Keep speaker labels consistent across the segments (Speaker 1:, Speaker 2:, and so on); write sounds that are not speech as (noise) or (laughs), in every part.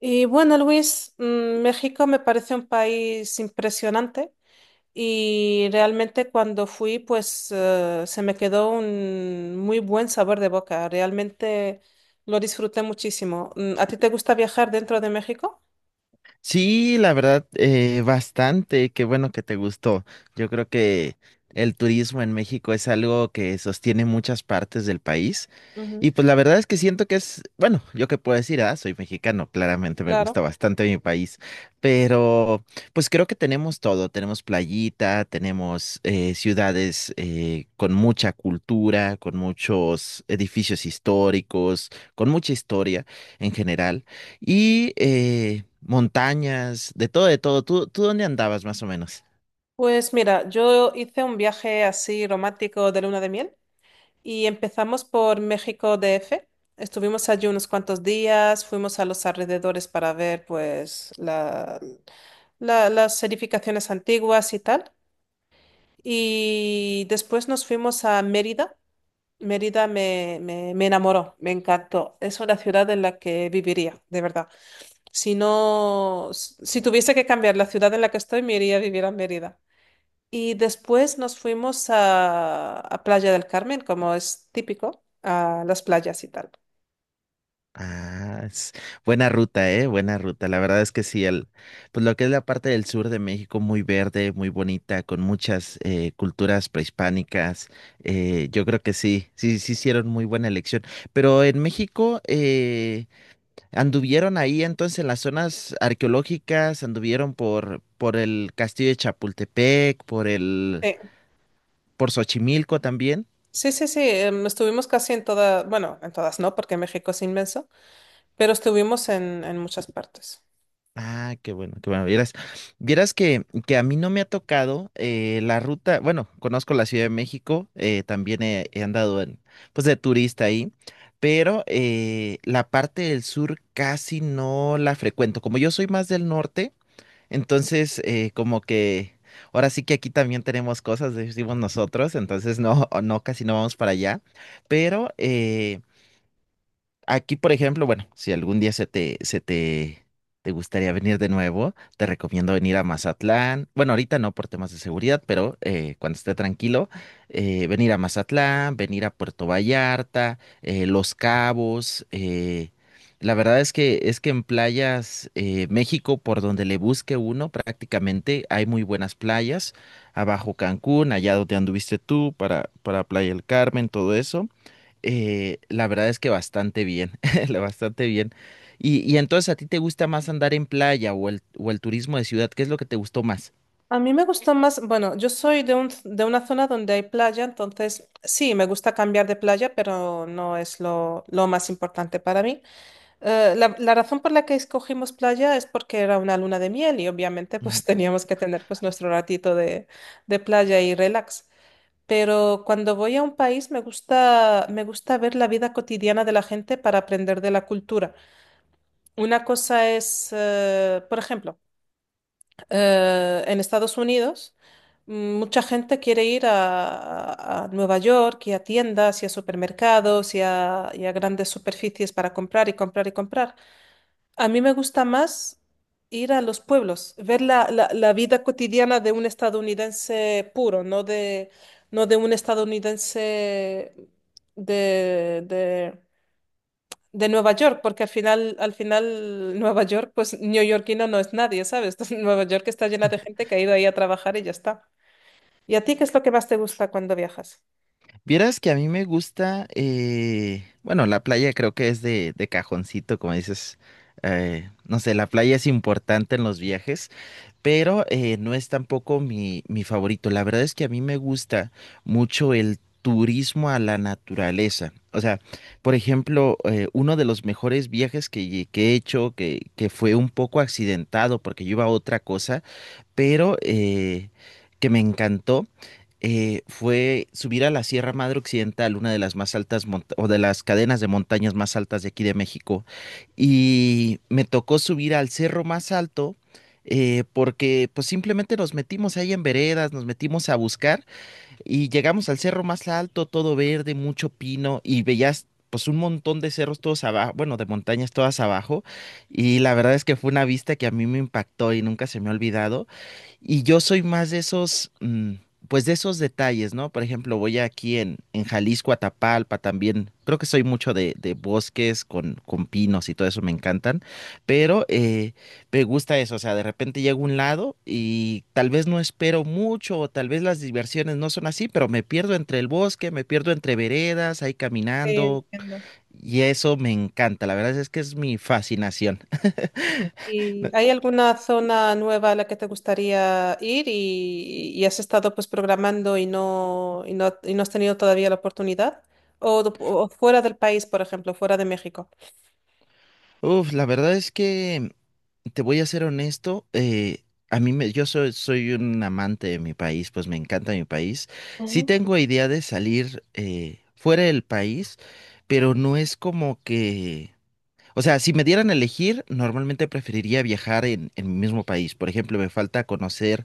Speaker 1: Y bueno, Luis, México me parece un país impresionante y realmente cuando fui, pues se me quedó un muy buen sabor de boca. Realmente lo disfruté muchísimo. ¿A ti te gusta viajar dentro de México?
Speaker 2: Sí, la verdad, bastante. Qué bueno que te gustó. Yo creo que el turismo en México es algo que sostiene muchas partes del país. Y
Speaker 1: Ujú.
Speaker 2: pues la verdad es que siento que es, bueno, yo qué puedo decir, ah, soy mexicano, claramente me gusta
Speaker 1: Claro.
Speaker 2: bastante mi país, pero pues creo que tenemos todo, tenemos playita, tenemos ciudades con mucha cultura, con muchos edificios históricos, con mucha historia en general. Y montañas, de todo, de todo. ¿Tú dónde andabas más o menos?
Speaker 1: Pues mira, yo hice un viaje así romántico de luna de miel. Y empezamos por México DF. Estuvimos allí unos cuantos días, fuimos a los alrededores para ver pues las edificaciones antiguas y tal. Y después nos fuimos a Mérida. Mérida me enamoró, me encantó. Es una ciudad en la que viviría, de verdad. Si no, si tuviese que cambiar la ciudad en la que estoy, me iría a vivir a Mérida. Y después nos fuimos a Playa del Carmen, como es típico, a las playas y tal.
Speaker 2: Ah, es buena ruta, buena ruta. La verdad es que sí, pues lo que es la parte del sur de México, muy verde, muy bonita, con muchas culturas prehispánicas. Yo creo que sí, sí, sí hicieron muy buena elección. Pero en México, anduvieron ahí entonces en las zonas arqueológicas, anduvieron por el castillo de Chapultepec,
Speaker 1: Sí,
Speaker 2: por Xochimilco también.
Speaker 1: sí, sí, sí, estuvimos casi en todas, bueno, en todas no, porque México es inmenso, pero estuvimos en muchas partes.
Speaker 2: Ah, qué bueno, qué bueno. Vieras, vieras que a mí no me ha tocado la ruta, bueno, conozco la Ciudad de México, también he andado en, pues de turista ahí, pero la parte del sur casi no la frecuento. Como yo soy más del norte, entonces como que ahora sí que aquí también tenemos cosas, decimos nosotros, entonces no, no, casi no vamos para allá, pero aquí, por ejemplo, bueno, si algún día te gustaría venir de nuevo, te recomiendo venir a Mazatlán. Bueno, ahorita no por temas de seguridad, pero cuando esté tranquilo, venir a Mazatlán, venir a Puerto Vallarta, Los Cabos. La verdad es que en playas, México, por donde le busque uno, prácticamente hay muy buenas playas. Abajo Cancún, allá donde anduviste tú, para Playa del Carmen, todo eso. La verdad es que bastante bien, (laughs) bastante bien. Y entonces, ¿a ti te gusta más andar en playa o el turismo de ciudad? ¿Qué es lo que te gustó más?
Speaker 1: A mí me gustó más, bueno, yo soy de una zona donde hay playa, entonces sí, me gusta cambiar de playa, pero no es lo más importante para mí. La razón por la que escogimos playa es porque era una luna de miel y obviamente pues (laughs)
Speaker 2: Ujú.
Speaker 1: teníamos que tener pues nuestro ratito de playa y relax. Pero cuando voy a un país me gusta ver la vida cotidiana de la gente para aprender de la cultura. Una cosa es, por ejemplo, en Estados Unidos, mucha gente quiere ir a Nueva York y a tiendas y a supermercados y a grandes superficies para comprar y comprar y comprar. A mí me gusta más ir a los pueblos, ver la vida cotidiana de un estadounidense puro, no de, no de un estadounidense de, de- de Nueva York, porque al final Nueva York, pues neoyorquino no es nadie, ¿sabes? (laughs) Nueva York está llena de gente que ha ido ahí a trabajar y ya está. ¿Y a ti qué es lo que más te gusta cuando viajas?
Speaker 2: Vieras que a mí me gusta, bueno, la playa creo que es de cajoncito, como dices, no sé, la playa es importante en los viajes. Pero no es tampoco mi favorito. La verdad es que a mí me gusta mucho el turismo a la naturaleza. O sea, por ejemplo, uno de los mejores viajes que he hecho, que fue un poco accidentado porque yo iba a otra cosa, pero que me encantó, fue subir a la Sierra Madre Occidental, una de las más altas o de las cadenas de montañas más altas de aquí de México, y me tocó subir al cerro más alto. Porque pues simplemente nos metimos ahí en veredas, nos metimos a buscar y llegamos al cerro más alto, todo verde, mucho pino y veías pues un montón de cerros todos abajo, bueno, de montañas todas abajo, y la verdad es que fue una vista que a mí me impactó y nunca se me ha olvidado. Y yo soy más de esos, pues de esos detalles, ¿no? Por ejemplo, voy aquí en Jalisco, Atapalpa también. Creo que soy mucho de bosques con pinos y todo eso me encantan. Pero me gusta eso. O sea, de repente llego a un lado y tal vez no espero mucho, o tal vez las diversiones no son así, pero me pierdo entre el bosque, me pierdo entre veredas, ahí
Speaker 1: Sí,
Speaker 2: caminando.
Speaker 1: entiendo.
Speaker 2: Y eso me encanta. La verdad es que es mi fascinación. (laughs)
Speaker 1: ¿Y hay alguna zona nueva a la que te gustaría ir y has estado pues programando y no has tenido todavía la oportunidad? O fuera del país, por ejemplo, fuera de México.
Speaker 2: Uf, la verdad es que. Te voy a ser honesto, a mí yo soy, soy un amante de mi país, pues me encanta mi país. Sí
Speaker 1: Ujú.
Speaker 2: tengo idea de salir fuera del país, pero no es como que, o sea, si me dieran a elegir, normalmente preferiría viajar en mi mismo país. Por ejemplo, me falta conocer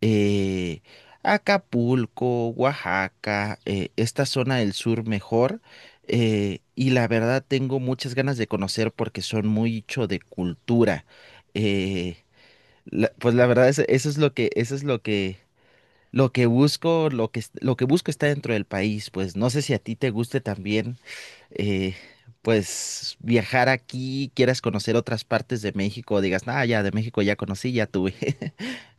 Speaker 2: eh, Acapulco, Oaxaca, esta zona del sur mejor. Y la verdad tengo muchas ganas de conocer porque son mucho de cultura. eh, pues la verdad eso es lo eso es lo lo que busco, lo que busco está dentro del país. Pues no sé si a ti te guste también, eh, pues viajar aquí, quieras conocer otras partes de México, digas, ah, ya de México ya conocí, ya tuve. (laughs)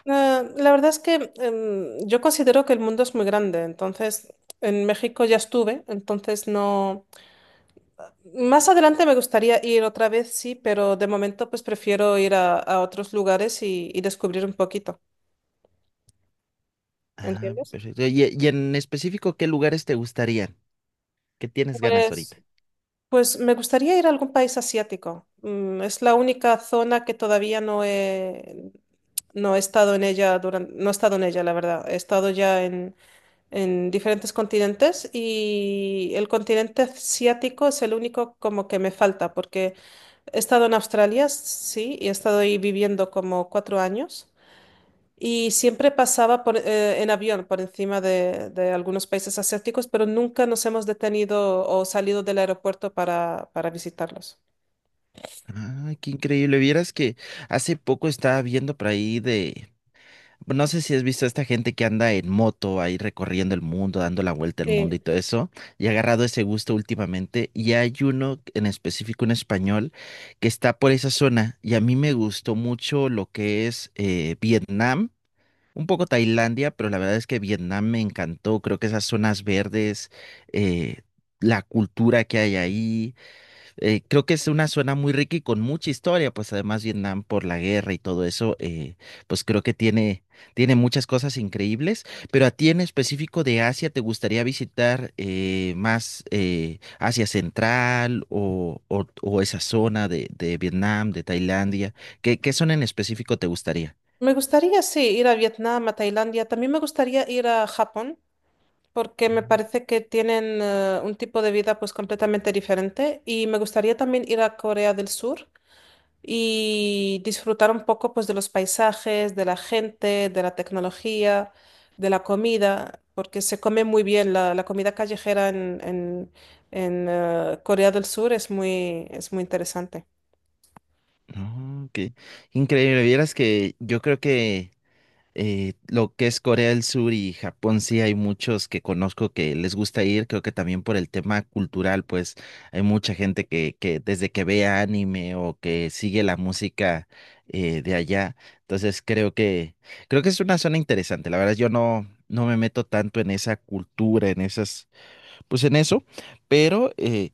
Speaker 1: Ah, la verdad es que yo considero que el mundo es muy grande, entonces en México ya estuve, entonces no... Más adelante me gustaría ir otra vez, sí, pero de momento pues prefiero ir a otros lugares y descubrir un poquito,
Speaker 2: Ah,
Speaker 1: ¿entiendes?
Speaker 2: perfecto. Y en específico, ¿qué lugares te gustarían? ¿Qué tienes ganas ahorita?
Speaker 1: Pues Pues me gustaría ir a algún país asiático. Es la única zona que todavía no he, no he estado en ella durante, no he estado en ella, la verdad. He estado ya en diferentes continentes y el continente asiático es el único como que me falta, porque he estado en Australia, sí, y he estado ahí viviendo como 4 años. Y siempre pasaba por, en avión por encima de algunos países asiáticos, pero nunca nos hemos detenido o salido del aeropuerto para visitarlos.
Speaker 2: Ah, qué increíble. Vieras que hace poco estaba viendo por ahí de... No sé si has visto a esta gente que anda en moto ahí recorriendo el mundo, dando la vuelta al mundo y
Speaker 1: Sí.
Speaker 2: todo eso. Y he agarrado ese gusto últimamente. Y hay uno en específico, un español, que está por esa zona. Y a mí me gustó mucho lo que es Vietnam. Un poco Tailandia, pero la verdad es que Vietnam me encantó. Creo que esas zonas verdes, eh, la cultura que hay ahí, creo que es una zona muy rica y con mucha historia. Pues además Vietnam por la guerra y todo eso, pues creo que tiene, tiene muchas cosas increíbles. Pero a ti en específico de Asia, ¿te gustaría visitar más Asia Central o esa zona de Vietnam, de Tailandia? ¿Qué zona en específico te gustaría?
Speaker 1: Me gustaría, sí, ir a Vietnam, a Tailandia. También me gustaría ir a Japón, porque me parece que tienen un tipo de vida pues completamente diferente. Y me gustaría también ir a Corea del Sur, y disfrutar un poco pues de los paisajes, de la gente, de la tecnología, de la comida, porque se come muy bien la comida callejera en Corea del Sur es muy interesante.
Speaker 2: Oh, qué increíble. Vieras que yo creo que lo que es Corea del Sur y Japón, sí hay muchos que conozco que les gusta ir. Creo que también por el tema cultural, pues hay mucha gente que desde que ve anime o que sigue la música de allá. Entonces creo creo que es una zona interesante. La verdad, yo no, no me meto tanto en esa cultura, en esas, pues en eso, pero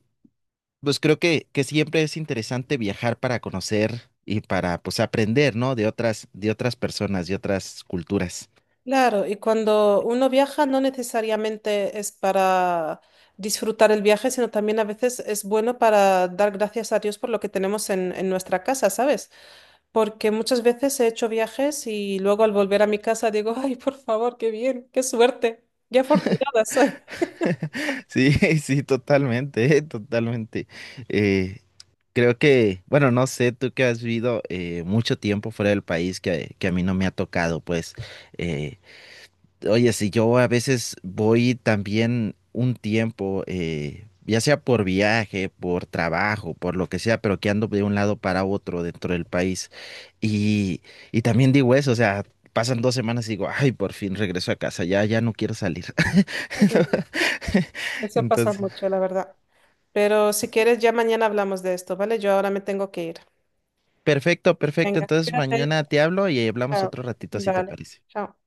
Speaker 2: pues creo que siempre es interesante viajar para conocer y para pues aprender, ¿no? De otras personas, de otras culturas. (laughs)
Speaker 1: Claro, y cuando uno viaja no necesariamente es para disfrutar el viaje, sino también a veces es bueno para dar gracias a Dios por lo que tenemos en nuestra casa, ¿sabes? Porque muchas veces he hecho viajes y luego al volver a mi casa digo, ay, por favor, qué bien, qué suerte, qué afortunada soy.
Speaker 2: Sí, sí, totalmente, (laughs) totalmente. Eh, Creo que, bueno, no sé, tú que has vivido mucho tiempo fuera del país que a mí no me ha tocado, pues, eh, oye, si yo a veces voy también un tiempo, ya sea por viaje, por trabajo, por lo que sea, pero que ando de un lado para otro dentro del país. Y, y también digo eso, o sea, pasan 2 semanas y digo, ay, por fin regreso a casa, ya, ya no quiero salir.
Speaker 1: (laughs)
Speaker 2: (laughs)
Speaker 1: Eso pasa
Speaker 2: Entonces,
Speaker 1: mucho, la verdad. Pero si quieres, ya mañana hablamos de esto, ¿vale? Yo ahora me tengo que ir.
Speaker 2: perfecto, perfecto.
Speaker 1: Venga,
Speaker 2: Entonces
Speaker 1: espérate.
Speaker 2: mañana te hablo y hablamos
Speaker 1: Chao.
Speaker 2: otro ratito si te
Speaker 1: Vale,
Speaker 2: parece.
Speaker 1: chao.